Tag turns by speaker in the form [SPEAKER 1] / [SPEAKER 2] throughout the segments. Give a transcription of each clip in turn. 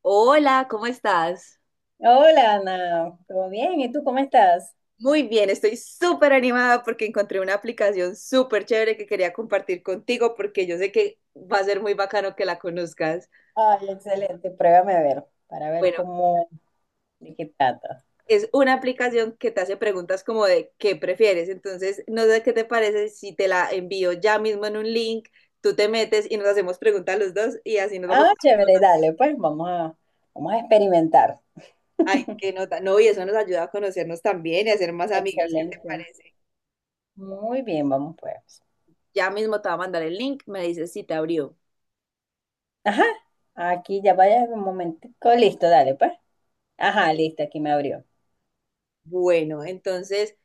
[SPEAKER 1] Hola, ¿cómo estás?
[SPEAKER 2] Hola Ana, ¿todo bien? ¿Y tú cómo estás?
[SPEAKER 1] Muy bien, estoy súper animada porque encontré una aplicación súper chévere que quería compartir contigo porque yo sé que va a ser muy bacano que la conozcas.
[SPEAKER 2] Ay, excelente, pruébame a ver, para ver
[SPEAKER 1] Bueno,
[SPEAKER 2] cómo, de qué trata.
[SPEAKER 1] es una aplicación que te hace preguntas como de qué prefieres. Entonces, no sé qué te parece si te la envío ya mismo en un link, tú te metes y nos hacemos preguntas los dos y así nos vamos.
[SPEAKER 2] Ah, chévere, dale, pues vamos a experimentar.
[SPEAKER 1] Ay, qué nota. No, y eso nos ayuda a conocernos también y a ser más amigas. ¿Qué te
[SPEAKER 2] Excelente.
[SPEAKER 1] parece?
[SPEAKER 2] Muy bien, vamos pues.
[SPEAKER 1] Ya mismo te va a mandar el link, me dices si te abrió.
[SPEAKER 2] Ajá, aquí ya vaya un momentico, listo, dale pues. Ajá, listo, aquí me abrió.
[SPEAKER 1] Bueno, entonces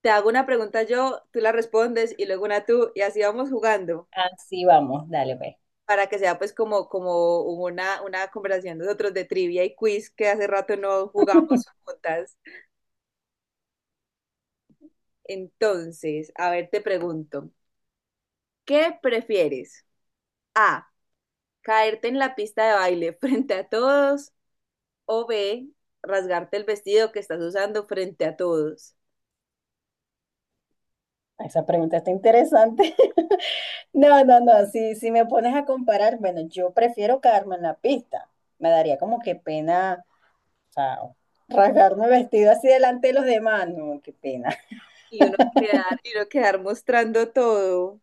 [SPEAKER 1] te hago una pregunta yo, tú la respondes y luego una tú y así vamos jugando
[SPEAKER 2] Así vamos, dale pues.
[SPEAKER 1] para que sea pues como, como una conversación de nosotros de trivia y quiz que hace rato no jugamos juntas. Entonces, a ver, te pregunto, ¿qué prefieres? A, caerte en la pista de baile frente a todos o B, rasgarte el vestido que estás usando frente a todos.
[SPEAKER 2] Esa pregunta está interesante. No, no, no, si me pones a comparar, bueno, yo prefiero quedarme en la pista. Me daría como que pena. O sea, rasgarme vestido así delante de los demás, no, qué pena.
[SPEAKER 1] Y uno quedar mostrando todo.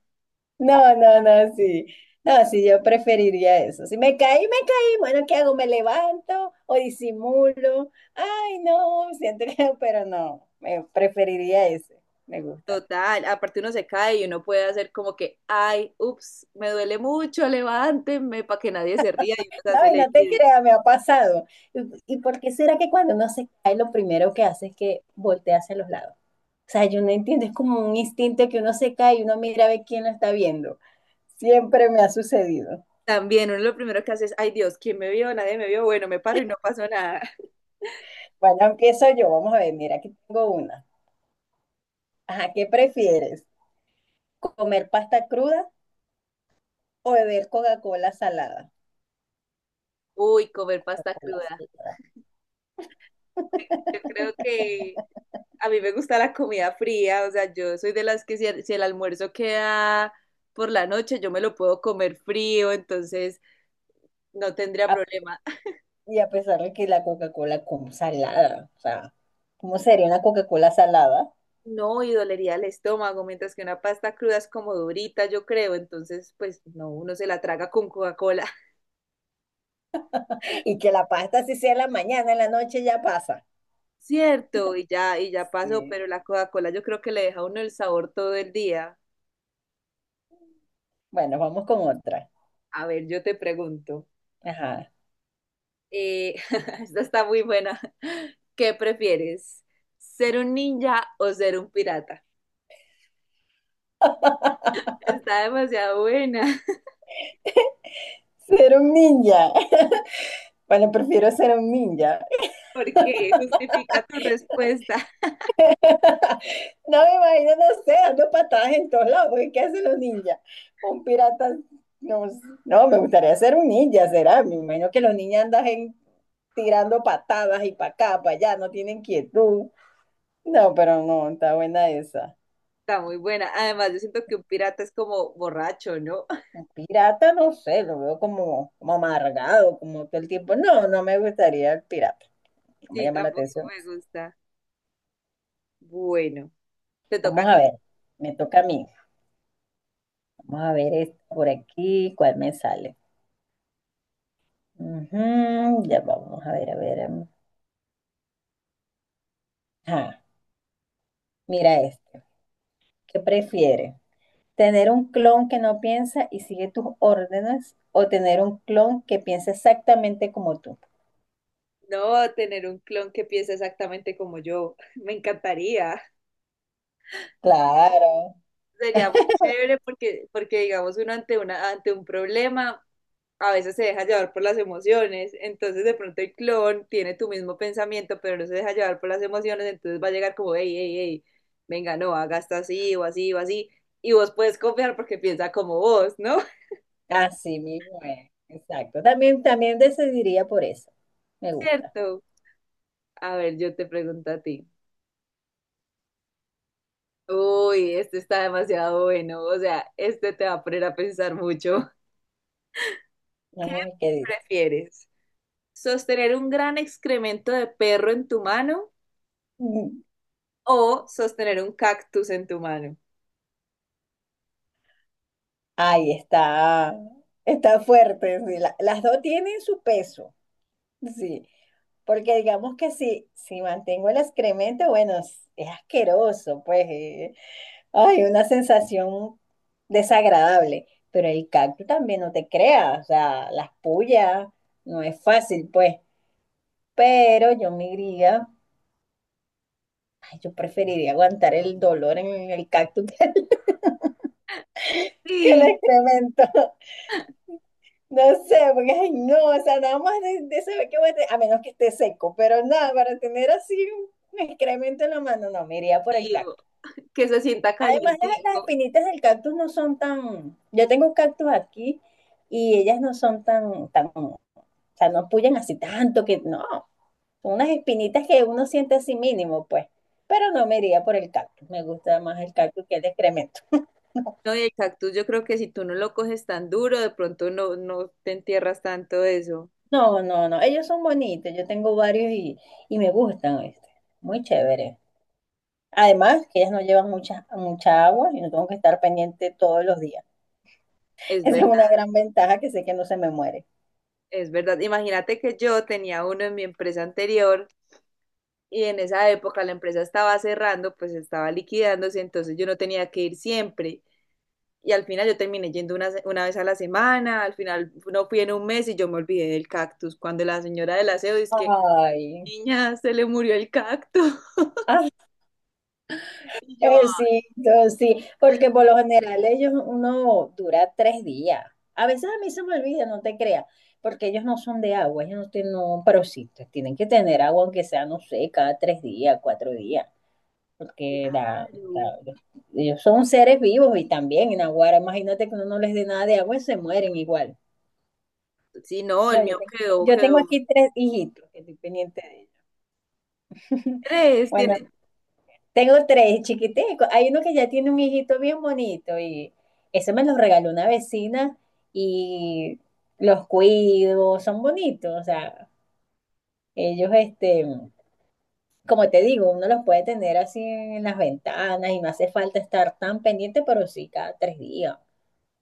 [SPEAKER 2] No, no, no, sí. No, sí, yo preferiría eso. Si me caí, me caí. Bueno, ¿qué hago? ¿Me levanto o disimulo? Ay, no, siento que, pero no, me preferiría ese. Me gusta.
[SPEAKER 1] Total, aparte uno se cae y uno puede hacer como que, ay, ups, me duele mucho, levántenme para que nadie se ría y uno se
[SPEAKER 2] No,
[SPEAKER 1] hace
[SPEAKER 2] y
[SPEAKER 1] el
[SPEAKER 2] no te
[SPEAKER 1] herido.
[SPEAKER 2] creas, me ha pasado. ¿Y por qué será que cuando uno se cae, lo primero que hace es que voltea hacia los lados? O sea, yo no entiendo, es como un instinto que uno se cae y uno mira a ver quién lo está viendo. Siempre me ha sucedido.
[SPEAKER 1] También uno lo primero que hace es, ay Dios, ¿quién me vio? Nadie me vio, bueno, me paro y no pasó nada.
[SPEAKER 2] Bueno, empiezo yo. Vamos a ver, mira, aquí tengo una. Ajá, ¿qué prefieres? ¿Comer pasta cruda o beber Coca-Cola salada?
[SPEAKER 1] Uy, comer pasta
[SPEAKER 2] Coca-Cola
[SPEAKER 1] cruda.
[SPEAKER 2] salada.
[SPEAKER 1] Yo creo que a mí me gusta la comida fría, o sea, yo soy de las que si si el almuerzo queda por la noche, yo me lo puedo comer frío, entonces no tendría
[SPEAKER 2] A-
[SPEAKER 1] problema.
[SPEAKER 2] Y a pesar de que la Coca-Cola como salada, o sea, ¿cómo sería una Coca-Cola salada?
[SPEAKER 1] No, y dolería el estómago, mientras que una pasta cruda es como durita, yo creo, entonces pues no, uno se la traga con Coca-Cola.
[SPEAKER 2] Y que la pasta si sea en la mañana, en la noche ya pasa.
[SPEAKER 1] Cierto, y ya pasó,
[SPEAKER 2] Sí.
[SPEAKER 1] pero la Coca-Cola yo creo que le deja a uno el sabor todo el día.
[SPEAKER 2] Bueno, vamos con otra.
[SPEAKER 1] A ver, yo te pregunto,
[SPEAKER 2] Ajá.
[SPEAKER 1] eh, esta está muy buena, ¿qué prefieres? ¿Ser un ninja o ser un pirata? Está demasiado buena,
[SPEAKER 2] Ser un ninja. Bueno, prefiero ser un ninja.
[SPEAKER 1] porque justifica tu respuesta.
[SPEAKER 2] No me imagino, no sé, dando patadas en todos lados, porque ¿qué hacen los ninjas? Un pirata, no, no, me gustaría ser un ninja, será, me imagino que los ninjas andan tirando patadas y para acá, para allá, no tienen quietud. No, pero no, está buena esa.
[SPEAKER 1] Está muy buena, además yo siento que un pirata es como borracho, ¿no?
[SPEAKER 2] Un pirata, no sé, lo veo como, amargado, como todo el tiempo. No, no me gustaría el pirata, no me
[SPEAKER 1] Sí,
[SPEAKER 2] llama la
[SPEAKER 1] tampoco
[SPEAKER 2] atención
[SPEAKER 1] me
[SPEAKER 2] eso.
[SPEAKER 1] gusta. Bueno, te toca
[SPEAKER 2] Vamos
[SPEAKER 1] a
[SPEAKER 2] a ver,
[SPEAKER 1] ti.
[SPEAKER 2] me toca a mí. Vamos a ver esto por aquí, cuál me sale. Ujú, ya vamos a ver, a ver. Ajá, mira este. ¿Qué prefiere? ¿Tener un clon que no piensa y sigue tus órdenes o tener un clon que piensa exactamente como tú?
[SPEAKER 1] No, tener un clon que piense exactamente como yo. Me encantaría.
[SPEAKER 2] Claro,
[SPEAKER 1] Sería muy chévere porque, porque digamos, uno ante una, ante un problema a veces se deja llevar por las emociones. Entonces, de pronto el clon tiene tu mismo pensamiento, pero no se deja llevar por las emociones. Entonces va a llegar como, hey, hey, hey, venga, no, haga esto así o así o así. Y vos puedes confiar porque piensa como vos, ¿no?
[SPEAKER 2] así mismo es. Exacto. También decidiría por eso. Me gusta.
[SPEAKER 1] Cierto. A ver, yo te pregunto a ti. Uy, este está demasiado bueno. O sea, este te va a poner a pensar mucho. ¿Qué
[SPEAKER 2] Vamos a ver qué dice.
[SPEAKER 1] prefieres? ¿Sostener un gran excremento de perro en tu mano
[SPEAKER 2] Mm.
[SPEAKER 1] o sostener un cactus en tu mano?
[SPEAKER 2] Ay, está, fuerte. Sí. Las dos tienen su peso. Sí. Porque digamos que si mantengo el excremento, bueno, es asqueroso, pues. Ay, una sensación desagradable, pero el cactus también no te creas, o sea, las puyas, no es fácil, pues, pero yo me diría, ay, yo preferiría aguantar el dolor en el cactus que el,
[SPEAKER 1] Sí,
[SPEAKER 2] excremento, no sé, porque, ay, no, o sea, nada más de saber que voy a tener, a menos que esté seco, pero nada, para tener así un excremento en la mano, no, me iría por el
[SPEAKER 1] tío,
[SPEAKER 2] cactus.
[SPEAKER 1] que se sienta
[SPEAKER 2] Además, las
[SPEAKER 1] calientico.
[SPEAKER 2] espinitas del cactus no son tan. Yo tengo un cactus aquí y ellas no son tan, tan, o sea, no pullan así tanto que no. Son unas espinitas que uno siente así mínimo, pues. Pero no me iría por el cactus. Me gusta más el cactus que el excremento.
[SPEAKER 1] No, y el cactus yo creo que si tú no lo coges tan duro, de pronto no, no te entierras tanto de eso.
[SPEAKER 2] No, no, no. Ellos son bonitos. Yo tengo varios y me gustan, ¿viste? Muy chévere. Además, que ellas no llevan mucha, mucha agua y no tengo que estar pendiente todos los días.
[SPEAKER 1] Es
[SPEAKER 2] Esa es
[SPEAKER 1] verdad,
[SPEAKER 2] una gran ventaja que sé que no se me muere.
[SPEAKER 1] es verdad. Imagínate que yo tenía uno en mi empresa anterior y en esa época la empresa estaba cerrando, pues estaba liquidándose, entonces yo no tenía que ir siempre. Y al final yo terminé yendo una vez a la semana, al final no fui en 1 mes y yo me olvidé del cactus. Cuando la señora del aseo dice que,
[SPEAKER 2] Ay.
[SPEAKER 1] niña, se le murió el cactus.
[SPEAKER 2] Ajá,
[SPEAKER 1] Y yo, "Ah,
[SPEAKER 2] exacto, sí, porque por lo general ellos uno dura tres días. A veces a mí se me olvida, no te creas, porque ellos no son de agua, ellos no tienen, no, pero sí, tienen que tener agua aunque sea, no sé, cada tres días, cuatro días, porque
[SPEAKER 1] claro.
[SPEAKER 2] ellos son seres vivos y también en Aguara, imagínate que uno no les dé nada de agua y se mueren igual.
[SPEAKER 1] Sí, no,
[SPEAKER 2] No,
[SPEAKER 1] el
[SPEAKER 2] yo
[SPEAKER 1] mío
[SPEAKER 2] tengo,
[SPEAKER 1] quedó,
[SPEAKER 2] yo tengo
[SPEAKER 1] quedó
[SPEAKER 2] aquí tres hijitos que estoy pendiente de ellos.
[SPEAKER 1] tres, tiene
[SPEAKER 2] Tengo tres chiquiticos. Hay uno que ya tiene un hijito bien bonito y ese me los regaló una vecina y los cuido, son bonitos. O sea, ellos, este, como te digo, uno los puede tener así en las ventanas y no hace falta estar tan pendiente, pero sí cada tres días,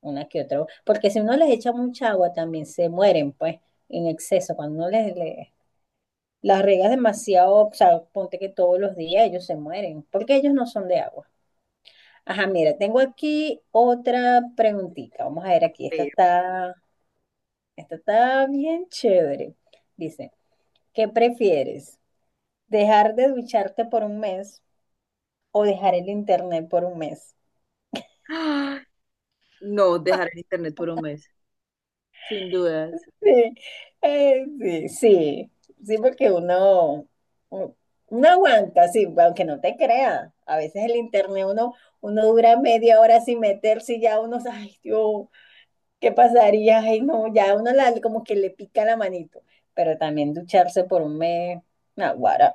[SPEAKER 2] una que otra. Porque si uno les echa mucha agua también se mueren, pues, en exceso. Cuando uno las regas demasiado, o sea, ponte que todos los días ellos se mueren, porque ellos no son de agua. Ajá, mira, tengo aquí otra preguntita. Vamos a ver aquí. Esta
[SPEAKER 1] tres.
[SPEAKER 2] está, esta está bien chévere. Dice, ¿qué prefieres? ¿Dejar de ducharte por un mes o dejar el internet por un mes?
[SPEAKER 1] Ah, no, dejar el internet por 1 mes, sin dudas.
[SPEAKER 2] Sí, eh, sí, sí, sí, porque uno, u- uno aguanta, sí, aunque no te crea. A veces el internet uno dura media hora sin meterse y ya uno, ay, Dios, ¿qué pasaría? Ay, no, ya uno la, como que le pica la manito, pero también ducharse por un mes, naguará.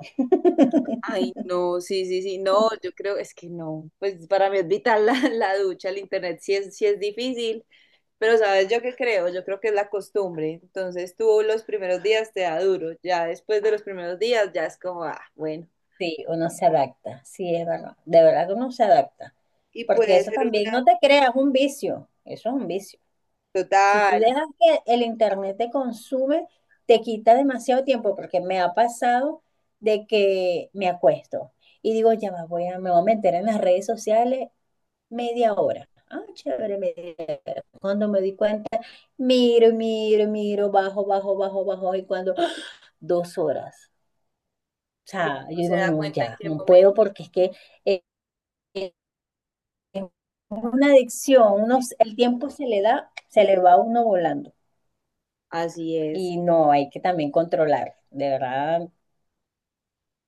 [SPEAKER 1] Ay, no, sí, sí, sí, no, yo creo, es que no, pues para mí es vital la ducha, el internet sí es difícil, pero sabes yo qué creo, yo creo que es la costumbre, entonces tú los primeros días te da duro, ya después de los primeros días ya es como, ah, bueno,
[SPEAKER 2] Sí, uno se adapta, sí, es verdad. De verdad que uno se adapta,
[SPEAKER 1] y
[SPEAKER 2] porque
[SPEAKER 1] puede
[SPEAKER 2] eso
[SPEAKER 1] ser
[SPEAKER 2] también, no
[SPEAKER 1] una
[SPEAKER 2] te creas, es un vicio, eso es un vicio. Si tú
[SPEAKER 1] total,
[SPEAKER 2] dejas que el internet te consume, te quita demasiado tiempo, porque me ha pasado de que me acuesto y digo, ya va, me voy a meter en las redes sociales media hora. Ah, chévere, media hora. Cuando me di cuenta, miro, miro, miro, bajo, bajo, bajo, bajo, y cuando ¡ah! Dos horas. O
[SPEAKER 1] y
[SPEAKER 2] sea, yo
[SPEAKER 1] uno se
[SPEAKER 2] digo,
[SPEAKER 1] da
[SPEAKER 2] no,
[SPEAKER 1] cuenta en
[SPEAKER 2] ya,
[SPEAKER 1] qué
[SPEAKER 2] no
[SPEAKER 1] momento,
[SPEAKER 2] puedo porque es que eh, eh, es una adicción, uno, el tiempo se le va a uno volando.
[SPEAKER 1] así es,
[SPEAKER 2] Y no, hay que también controlar, de verdad,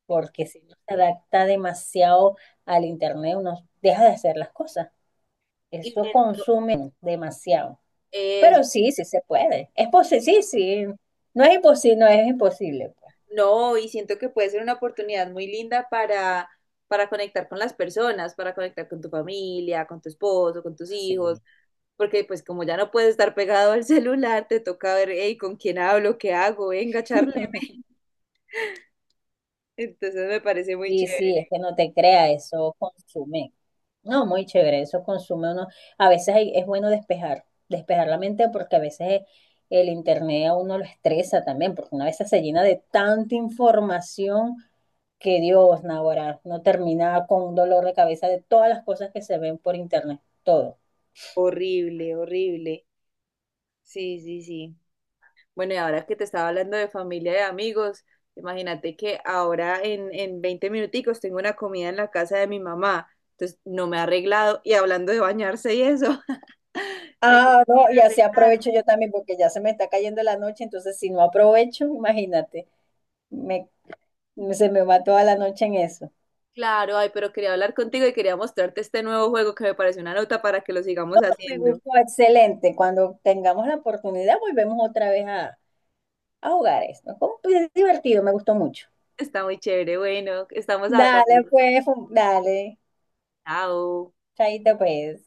[SPEAKER 2] porque si uno se adapta demasiado al internet, uno deja de hacer las cosas.
[SPEAKER 1] y
[SPEAKER 2] Eso
[SPEAKER 1] siento
[SPEAKER 2] consume demasiado.
[SPEAKER 1] eso,
[SPEAKER 2] Pero sí, sí se puede. Es posible, sí, sí. No es imposible, no es imposible, pues.
[SPEAKER 1] no, y siento que puede ser una oportunidad muy linda para conectar con las personas, para conectar con tu familia, con tu esposo, con tus hijos
[SPEAKER 2] Sí.
[SPEAKER 1] porque pues como ya no puedes estar pegado al celular, te toca ver, hey, ¿con quién hablo? ¿Qué hago? Venga, charleme. Entonces me parece muy
[SPEAKER 2] Sí, sí, es
[SPEAKER 1] chévere.
[SPEAKER 2] que no te crea, eso consume. No, muy chévere, eso consume uno. A veces es bueno despejar, la mente porque a veces el internet a uno lo estresa también, porque una vez se llena de tanta información que Dios, naguará, no termina con un dolor de cabeza de todas las cosas que se ven por internet, todo.
[SPEAKER 1] Horrible, horrible. Sí, sí, sí. Bueno, y ahora que te estaba hablando de familia y de amigos, imagínate que ahora en 20 minuticos tengo una comida en la casa de mi mamá. Entonces no me ha arreglado y hablando de bañarse y eso, tengo
[SPEAKER 2] Ah,
[SPEAKER 1] que
[SPEAKER 2] no,
[SPEAKER 1] ir
[SPEAKER 2] y
[SPEAKER 1] a
[SPEAKER 2] así
[SPEAKER 1] arreglarme.
[SPEAKER 2] aprovecho yo también porque ya se me está cayendo la noche, entonces si no aprovecho, imagínate, me, se me va toda la noche en eso.
[SPEAKER 1] Claro, ay, pero quería hablar contigo y quería mostrarte este nuevo juego que me parece una nota para que lo sigamos
[SPEAKER 2] Me
[SPEAKER 1] haciendo.
[SPEAKER 2] gustó, excelente. Cuando tengamos la oportunidad, volvemos otra vez a, jugar esto. Fue muy divertido, me gustó mucho.
[SPEAKER 1] Está muy chévere. Bueno, estamos
[SPEAKER 2] Dale,
[SPEAKER 1] hablando.
[SPEAKER 2] pues, dale.
[SPEAKER 1] Chao.
[SPEAKER 2] Chaito, pues.